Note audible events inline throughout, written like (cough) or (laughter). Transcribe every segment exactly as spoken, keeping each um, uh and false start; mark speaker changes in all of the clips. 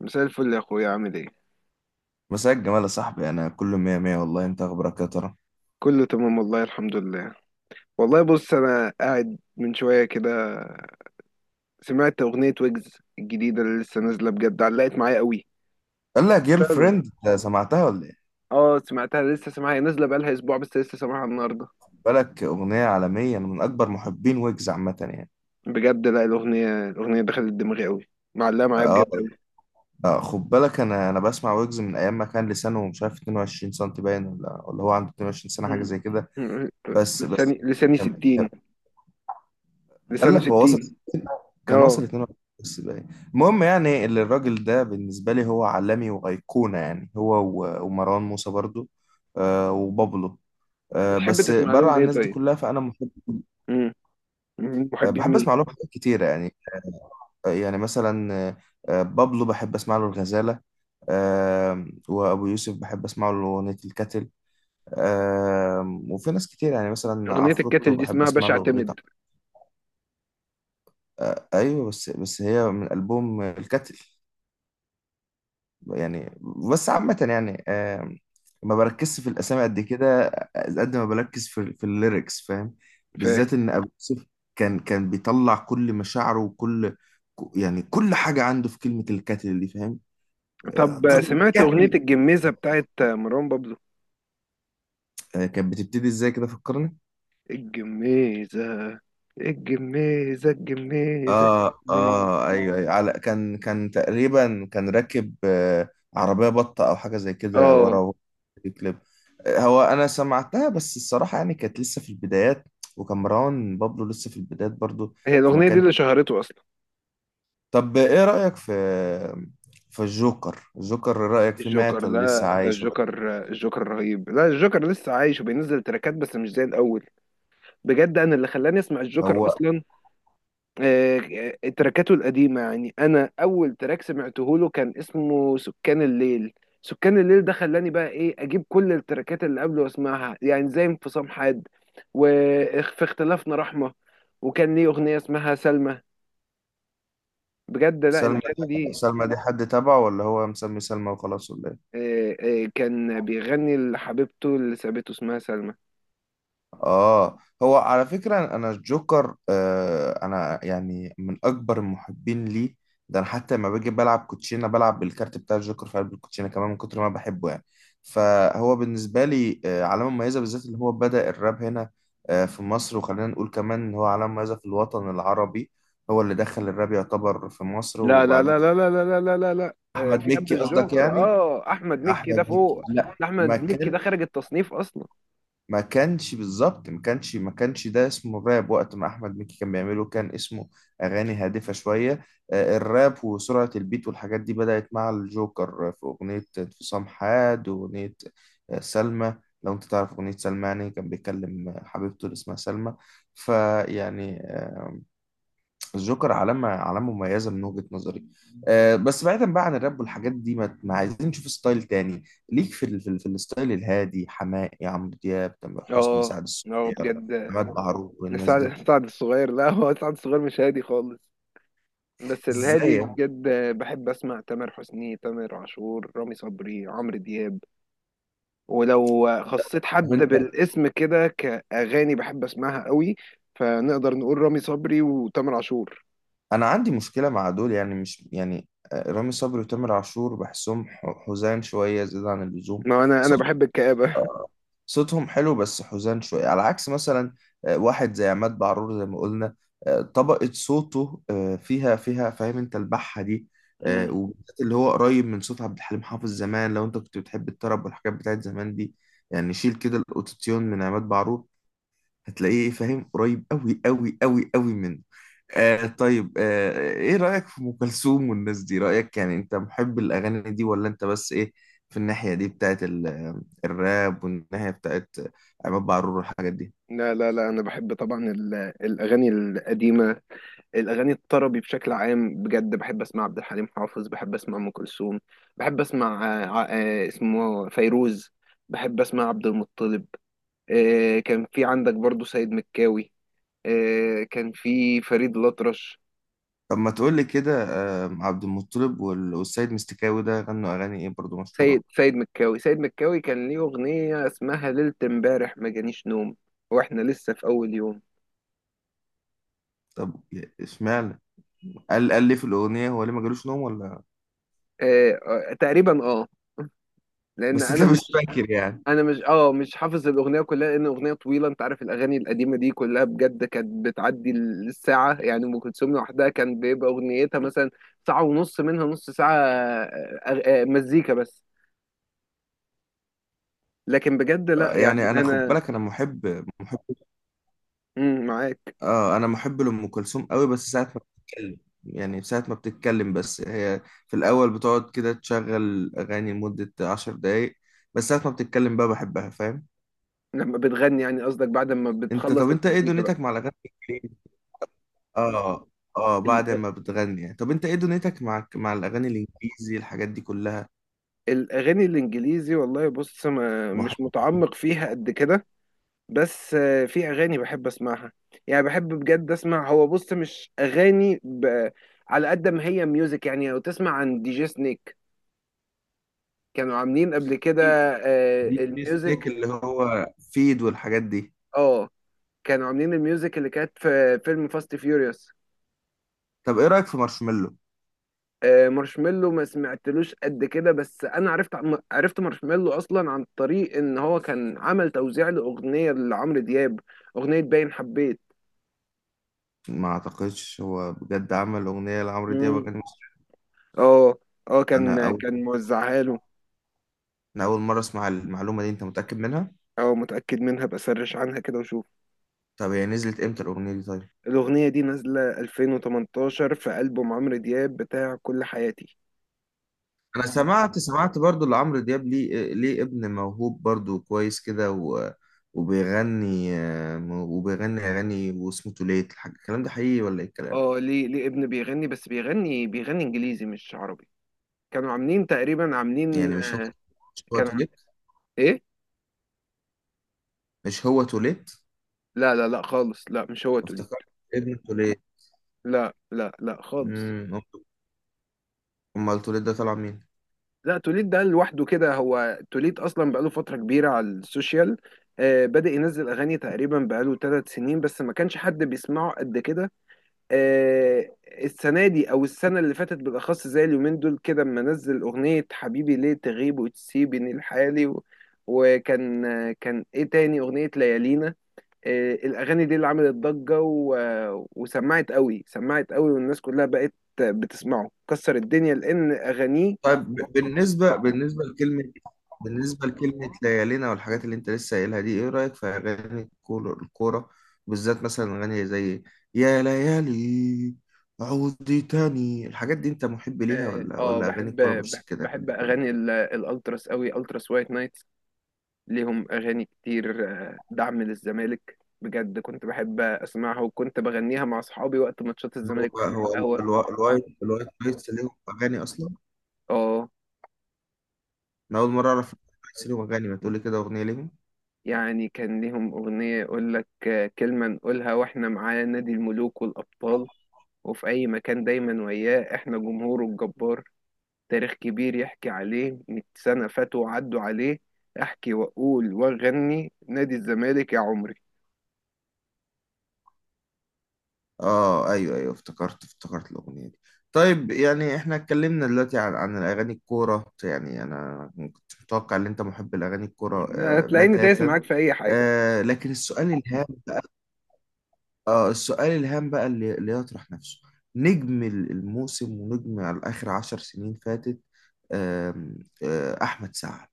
Speaker 1: مساء الفل يا اخويا، عامل ايه؟
Speaker 2: مساء الجمال يا صاحبي، انا كله مية مية والله. انت اخبارك يا ترى؟
Speaker 1: كله تمام، والله الحمد لله. والله بص، انا قاعد من شويه كده. سمعت اغنيه ويجز الجديده اللي لسه نازله، بجد علقت معايا قوي.
Speaker 2: قال لك جيرل
Speaker 1: سمعتها ولا لا؟
Speaker 2: فريند، أنت سمعتها ولا ايه؟
Speaker 1: اه سمعتها، لسه سامعها. نازله بقالها اسبوع بس لسه سامعها النهارده.
Speaker 2: خد بالك اغنيه عالميه، انا من اكبر محبين ويجز عامه يعني.
Speaker 1: بجد لا، الاغنيه الاغنيه دخلت دماغي قوي. معلقه معايا
Speaker 2: اه.
Speaker 1: بجد قوي.
Speaker 2: آه، خد بالك انا انا بسمع ويجز من ايام ما كان لسانه مش عارف اتنين وعشرين سم باين، ولا ولا هو عنده اتنين وعشرين سنه حاجه زي
Speaker 1: (laughs)
Speaker 2: كده. بس بس
Speaker 1: لساني
Speaker 2: كان
Speaker 1: لساني
Speaker 2: كان-
Speaker 1: ستين.
Speaker 2: قال
Speaker 1: لسانه
Speaker 2: لك هو وصل
Speaker 1: ستين.
Speaker 2: ستين، كان وصل
Speaker 1: اه.
Speaker 2: اتنين وعشرين بس باين. المهم يعني اللي الراجل ده بالنسبه لي هو عالمي وايقونه يعني هو، و- ومروان موسى برضو. آه، وبابلو. آه،
Speaker 1: بتحب
Speaker 2: بس
Speaker 1: تسمع
Speaker 2: بره
Speaker 1: لهم
Speaker 2: عن
Speaker 1: ايه
Speaker 2: الناس دي
Speaker 1: طيب؟
Speaker 2: كلها فانا محب.
Speaker 1: مم.
Speaker 2: آه،
Speaker 1: محبين
Speaker 2: بحب
Speaker 1: مين؟
Speaker 2: اسمع لهم حاجات كتيره يعني. آه، يعني مثلا آه، آه، بابلو بحب اسمع له الغزاله. آه، وابو يوسف بحب اسمع له اغنيه الكتل. آه، وفي ناس كتير يعني مثلا
Speaker 1: اغنيه
Speaker 2: عفروتو
Speaker 1: الكاتل دي
Speaker 2: بحب
Speaker 1: اسمها
Speaker 2: اسمع
Speaker 1: باشا
Speaker 2: له اغنيه ع-
Speaker 1: اعتمد.
Speaker 2: آه، ايوه. بس بس هي من البوم الكتل يعني. بس عامة يعني، آم، ما بركزش في الأسامي قد كده. آه، قد ما بركز في في الليركس فاهم؟ بالذات إن أبو يوسف كان كان بيطلع كل مشاعره وكل، ك- يعني كل حاجة عنده في كلمة الكاتل دي فاهم. آه،
Speaker 1: طب
Speaker 2: ضرب
Speaker 1: سمعت أغنية
Speaker 2: الكاتل.
Speaker 1: الجميزة بتاعت مروان بابلو؟
Speaker 2: آه، كانت بتبتدي إزاي كده؟ فكرني.
Speaker 1: الجميزة الجميزة الجميزة.
Speaker 2: آه
Speaker 1: الجميزة.
Speaker 2: آه أيوه أيوه، على كان كان تقريبا كان راكب، آه، عربية بطة أو حاجة زي كده
Speaker 1: اه.
Speaker 2: ورا في كليب. هو انا سمعتها بس الصراحه يعني كانت لسه في البدايات، وكان مروان بابلو لسه في البدايات برضو.
Speaker 1: هي
Speaker 2: فما
Speaker 1: الأغنية دي
Speaker 2: كان.
Speaker 1: اللي شهرته أصلا.
Speaker 2: طب ايه رايك في في الجوكر؟ الجوكر رايك فيه مات
Speaker 1: الجوكر؟
Speaker 2: ولا لسه
Speaker 1: لا، ده
Speaker 2: عايش ولا؟
Speaker 1: الجوكر. الجوكر رهيب. لا، الجوكر لسه عايش وبينزل تراكات بس مش زي الأول. بجد أنا اللي خلاني أسمع الجوكر
Speaker 2: هو
Speaker 1: أصلا. آه، آه، تراكاته القديمة، يعني أنا أول تراك سمعته له كان اسمه سكان الليل. سكان الليل ده خلاني بقى إيه أجيب كل التراكات اللي قبله وأسمعها، يعني زي انفصام حاد وفي اختلافنا رحمة. وكان ليه أغنية اسمها سلمى. بجد لا،
Speaker 2: سلمى،
Speaker 1: الأغاني دي.
Speaker 2: سلمى دي حد تبعه، ولا هو مسمي سلمى وخلاص، ولا إيه؟
Speaker 1: آه، آه، كان بيغني لحبيبته اللي سابته اسمها سلمى.
Speaker 2: اه. هو على فكرة انا الجوكر آه انا يعني من اكبر المحبين ليه. ده انا حتى لما باجي بلعب كوتشينة بلعب بالكارت بتاع الجوكر في قلب الكوتشينة كمان من كتر ما أنا بحبه يعني. فهو بالنسبة لي آه علامة مميزة، بالذات اللي هو بدأ الراب هنا آه في مصر، وخلينا نقول كمان ان هو علامة مميزة في الوطن العربي. هو اللي دخل الراب يعتبر في مصر
Speaker 1: لا لا
Speaker 2: وبعديه.
Speaker 1: لا لا لا لا لا لا لا لا، آه، في
Speaker 2: احمد
Speaker 1: قبل
Speaker 2: مكي قصدك
Speaker 1: الجوكر،
Speaker 2: يعني؟
Speaker 1: اه احمد مكي ده
Speaker 2: احمد مكي
Speaker 1: فوق.
Speaker 2: لا
Speaker 1: ده احمد
Speaker 2: ما
Speaker 1: مكي ده
Speaker 2: كانش.
Speaker 1: خارج التصنيف اصلا.
Speaker 2: ما كانش بالظبط ما كانش ما كانش ده اسمه الراب. وقت ما احمد مكي كان بيعمله كان اسمه اغاني هادفه شويه. آه، الراب وسرعه البيت والحاجات دي بدات مع الجوكر في اغنيه انفصام حاد واغنيه، آه، سلمى. لو انت تعرف اغنيه سلمى، يعني كان بيكلم حبيبته اللي اسمها سلمى. فيعني آه، الجوكر علامة، علامة مميزة من وجهة نظري. أه بس بعيدا بقى عن الراب والحاجات دي، ما, ما عايزين نشوف ستايل تاني ليك في ال... في, ال... في الستايل الهادي، حماقي، عمرو دياب، تامر حسني،
Speaker 1: اه.
Speaker 2: سعد
Speaker 1: اه
Speaker 2: الصغير،
Speaker 1: بجد.
Speaker 2: عماد معروف والناس دي.
Speaker 1: سعد سعد الصغير، لا هو سعد الصغير مش هادي خالص. بس
Speaker 2: ازاي
Speaker 1: الهادي
Speaker 2: يا
Speaker 1: بجد بحب اسمع تامر حسني، تامر عاشور، رامي صبري، عمرو دياب. ولو خصيت حد
Speaker 2: عم؟
Speaker 1: بالاسم كده كأغاني بحب اسمعها قوي فنقدر نقول رامي صبري وتامر عاشور.
Speaker 2: انا عندي مشكله مع دول يعني، مش يعني، آه، رامي صبري وتامر عاشور بحسهم ح- حزان شويه زياده عن اللزوم.
Speaker 1: ما انا انا
Speaker 2: صوت،
Speaker 1: بحب الكآبة.
Speaker 2: آه، صوتهم حلو بس حزان شويه، على عكس مثلا آه، واحد زي عماد بعرور زي ما قلنا. آه، طبقه صوته آه، فيها فيها فاهم انت؟ البحه دي،
Speaker 1: (laughs)
Speaker 2: آه،
Speaker 1: أمم.
Speaker 2: وبالذات اللي هو قريب من صوت عبد الحليم حافظ زمان، لو انت كنت بتحب الطرب والحاجات بتاعت زمان دي. يعني شيل كده الاوتوتيون من عماد بعرور هتلاقيه فاهم قريب قوي قوي قوي قوي من، آه. طيب آه ايه رأيك في ام كلثوم والناس دي؟ رأيك يعني انت محب الاغاني دي، ولا انت بس ايه في الناحية دي بتاعت ال- الراب والناحية بتاعت عماد بعرور والحاجات دي؟
Speaker 1: لا لا لا، انا بحب طبعا ال- الاغاني القديمة، الاغاني الطربي بشكل عام. بجد بحب اسمع عبد الحليم حافظ، بحب اسمع ام كلثوم، بحب اسمع آه، ع- آه، اسمه فيروز، بحب اسمع عبد المطلب. آه، كان في عندك برضو سيد مكاوي، آه، كان في فريد الأطرش.
Speaker 2: طب ما تقول لي كده. آه عبد المطلب وال- والسيد مستكاوي ده غنوا اغاني ايه برضو
Speaker 1: سيد
Speaker 2: مشهورة؟
Speaker 1: سيد مكاوي، سيد مكاوي كان ليه أغنية اسمها ليلة امبارح ما جانيش نوم واحنا لسه في أول يوم.
Speaker 2: طب اشمعنى قال قال ليه في الاغنية؟ هو ليه ما جالوش نوم ولا؟
Speaker 1: آه، آه، تقريبا. اه. لأن
Speaker 2: بس انت
Speaker 1: أنا،
Speaker 2: مش فاكر يعني.
Speaker 1: انا مش اه مش حافظ الاغنيه كلها لان اغنيه طويله. انت عارف الاغاني القديمه دي كلها بجد كانت بتعدي الساعه؟ يعني ام كلثوم لوحدها كان بيبقى اغنيتها مثلا ساعه ونص، منها نص ساعه آه، آه، آه، مزيكا بس. لكن بجد
Speaker 2: آه،
Speaker 1: لا، يعني
Speaker 2: يعني انا خد
Speaker 1: انا
Speaker 2: بالك انا محب محب.
Speaker 1: مم، معاك.
Speaker 2: اه انا محب لام كلثوم قوي، بس ساعه ما بتتكلم. يعني ساعه ما بتتكلم بس هي، في الاول بتقعد كده تشغل اغاني لمده عشر دقايق، بس ساعه ما بتتكلم بقى بحبها فاهم.
Speaker 1: لما بتغني، يعني قصدك بعد ما
Speaker 2: انت
Speaker 1: بتخلص
Speaker 2: طب انت ايه
Speaker 1: المزيكا بقى؟
Speaker 2: دنيتك مع الاغاني الإنجليزي؟ اه. اه
Speaker 1: ال-
Speaker 2: بعد
Speaker 1: آه،
Speaker 2: ما بتغني يعني. طب انت ايه دنيتك مع مع الاغاني الانجليزي الحاجات دي كلها؟
Speaker 1: الاغاني الانجليزي والله بص ما
Speaker 2: محب.
Speaker 1: مش متعمق فيها قد كده. بس آه، في اغاني بحب اسمعها، يعني بحب بجد اسمع. هو بص مش اغاني ب... على قد ما هي ميوزك. يعني لو تسمع عن دي جي سنيك، كانوا عاملين قبل كده آه،
Speaker 2: دي دي سنيك
Speaker 1: الميوزك.
Speaker 2: اللي هو فيد والحاجات دي.
Speaker 1: اه. كانوا عاملين الميوزك اللي كانت في فيلم فاست فيوريوس.
Speaker 2: طب ايه رايك في مارشميلو؟
Speaker 1: مارشميلو ما سمعتلوش قد كده بس انا عرفت عم- عرفت مارشميلو اصلا عن طريق ان هو كان عمل توزيع لاغنيه لعمرو دياب، اغنيه باين حبيت.
Speaker 2: ما اعتقدش هو بجد عمل اغنيه لعمرو دياب
Speaker 1: مم.
Speaker 2: اغاني مصرية.
Speaker 1: اه. اه
Speaker 2: انا
Speaker 1: كان
Speaker 2: اول
Speaker 1: كان موزعها له.
Speaker 2: انا اول مره اسمع المعلومه دي. انت متاكد منها؟
Speaker 1: او متأكد منها، بسرش عنها كده وشوف.
Speaker 2: طب هي نزلت امتى الاغنيه دي طيب؟
Speaker 1: الأغنية دي نازلة ألفين وتمنتاشر في ألبوم عمرو دياب بتاع كل حياتي.
Speaker 2: انا سمعت سمعت برضو لعمرو دياب ليه، ليه ابن موهوب برضو كويس كده و... وبيغني، آه، وبيغني اغاني واسمه توليت الحاج. الكلام ده حقيقي ولا ايه الكلام؟
Speaker 1: اه، ليه ليه ابن بيغني. بس بيغني بيغني انجليزي مش عربي. كانوا عاملين تقريبا عاملين.
Speaker 2: يعني مش هو، مش هو
Speaker 1: كانوا.
Speaker 2: توليت؟
Speaker 1: ايه.
Speaker 2: مش هو توليت؟
Speaker 1: لا لا لا خالص، لا مش هو توليد.
Speaker 2: افتكرت ابن توليت.
Speaker 1: لا لا لا خالص.
Speaker 2: امم، امال توليت ده طلع مين؟
Speaker 1: لا، توليد ده لوحده كده، هو توليد اصلا بقاله فترة كبيرة على السوشيال. آه بدأ ينزل اغاني تقريبا بقاله ثلاث سنين بس ما كانش حد بيسمعه قد كده. آه، السنه دي او السنه اللي فاتت بالاخص زي اليومين دول كده اما نزل اغنيه حبيبي ليه تغيب وتسيبني لحالي. و... وكان آه، كان ايه تاني اغنيه؟ ليالينا. آه، الاغاني دي اللي عملت ضجه. و... آه، وسمعت قوي، سمعت قوي، والناس كلها بقت بتسمعه، كسر الدنيا لان اغانيه.
Speaker 2: طيب، ب- بالنسبة بالنسبة لكلمة بالنسبة لكلمة ليالينا والحاجات اللي انت لسه قايلها دي، ايه رأيك في اغاني الكول- الكورة؟ بالذات مثلا اغاني زي يا ليالي، عودي تاني، الحاجات دي انت محب ليها،
Speaker 1: اه.
Speaker 2: ولا
Speaker 1: آه،
Speaker 2: ولا اغاني
Speaker 1: بحب
Speaker 2: الكورة مش
Speaker 1: بحب
Speaker 2: سكتك
Speaker 1: بحب
Speaker 2: قد كده؟
Speaker 1: اغاني ال- الالتراس قوي. التراس وايت نايت ليهم أغاني كتير، آه، دعم للزمالك. بجد كنت بحب أسمعها وكنت بغنيها مع أصحابي وقت ماتشات
Speaker 2: هو
Speaker 1: الزمالك وإحنا على
Speaker 2: هو ال-
Speaker 1: القهوة.
Speaker 2: الوا- الوايت الوايت نايتس ليهم اغاني اصلا؟
Speaker 1: آه
Speaker 2: انا اول مرة اعرف الوايت نايتس ليهم اغاني. ما تقولي كده اغنية ليهم.
Speaker 1: يعني كان ليهم أغنية يقول لك آه، كلمة نقولها وإحنا معاه، نادي الملوك والأبطال، وفي أي مكان دايما وياه، إحنا جمهوره الجبار، تاريخ كبير يحكي عليه مية سنة فاتوا وعدوا عليه، أحكي وأقول وأغني نادي الزمالك يا عمري.
Speaker 2: اه ايوه ايوه، افتكرت افتكرت الاغنيه دي. طيب يعني احنا اتكلمنا دلوقتي عن عن الاغاني الكوره، يعني انا ما كنتش متوقع ان انت محب لاغاني الكوره آه
Speaker 1: هتلاقيني دايس
Speaker 2: بتاتا.
Speaker 1: معاك في أي حاجة.
Speaker 2: آه لكن السؤال الهام بقى، اه السؤال الهام بقى اللي, اللي يطرح نفسه، نجم ال- الموسم ونجم على اخر عشر سنين فاتت، آم، آه احمد سعد.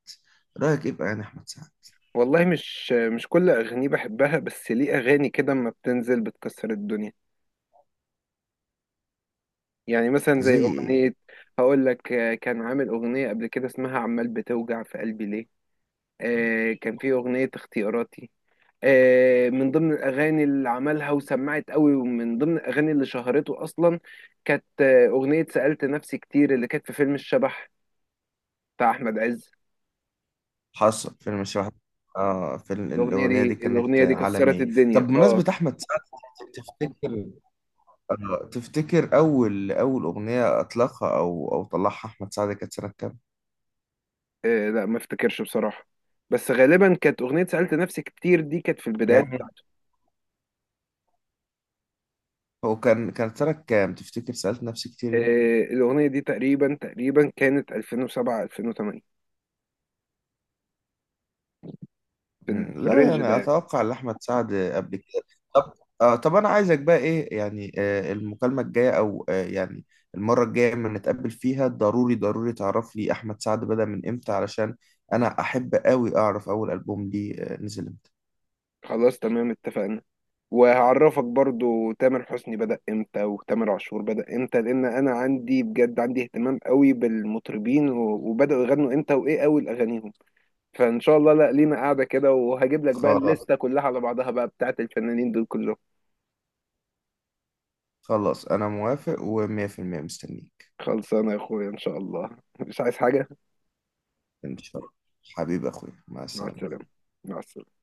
Speaker 2: رايك ايه بقى يعني احمد سعد؟
Speaker 1: والله مش مش كل اغانيه بحبها بس ليه اغاني كده اما بتنزل بتكسر الدنيا. يعني مثلا زي
Speaker 2: زي ايه؟
Speaker 1: اغنيه، هقول لك، آه، كان عامل اغنيه قبل كده اسمها عمال بتوجع في قلبي ليه. آه كان في اغنيه اختياراتي، آه من ضمن الاغاني اللي عملها وسمعت قوي ومن ضمن الاغاني اللي شهرته اصلا كانت آه، اغنيه سالت نفسي كتير اللي كانت في فيلم الشبح بتاع احمد عز.
Speaker 2: حصل فيلم الشبح. اه فيلم
Speaker 1: الاغنيه
Speaker 2: الأغنية دي
Speaker 1: دي
Speaker 2: كانت
Speaker 1: الاغنيه دي كسرت
Speaker 2: عالمية.
Speaker 1: الدنيا.
Speaker 2: طب
Speaker 1: اه.
Speaker 2: بمناسبة أحمد سعد، تفتكر آه، تفتكر أول أول أغنية أطلقها أو أو طلعها أحمد سعد كانت سنة كام؟
Speaker 1: آه لا ما افتكرش بصراحة. بس غالبا كانت أغنية سألت نفسي كتير دي كانت في البدايات
Speaker 2: يعني
Speaker 1: بتاعته.
Speaker 2: هو كان كانت سنة كام؟ تفتكر سألت نفسي كتير؟
Speaker 1: آه الأغنية دي تقريبا تقريبا كانت ألفين وسبعة، ألفين وثمانية، في, ال-
Speaker 2: مم،
Speaker 1: في
Speaker 2: لا
Speaker 1: الرينج ده
Speaker 2: يعني
Speaker 1: يعني.
Speaker 2: اتوقع لاحمد سعد قبل كده. طب آه، طب انا عايزك بقى ايه يعني، آه المكالمه الجايه او آه يعني المره الجايه لما نتقابل فيها، ضروري ضروري تعرف لي احمد سعد بدأ من امتى، علشان انا احب قوي اعرف اول البوم ليه آه نزل امتى.
Speaker 1: خلاص تمام اتفقنا. وهعرفك برضو تامر حسني بدأ امتى وتامر عاشور بدأ امتى، لأن أنا عندي بجد عندي اهتمام قوي بالمطربين و- وبدأوا يغنوا امتى وإيه أول أغانيهم. فإن شاء الله لا لينا قاعدة كده وهجيب لك بقى
Speaker 2: خلاص.
Speaker 1: الليستة كلها على بعضها بقى بتاعت الفنانين دول كلهم.
Speaker 2: خلاص انا موافق و100% مستنيك.
Speaker 1: خلصانة يا أخويا إن شاء الله. (laughs) مش عايز حاجة.
Speaker 2: ان شاء الله. حبيب اخويا، مع
Speaker 1: مع
Speaker 2: السلامه.
Speaker 1: السلامة. مع السلامة.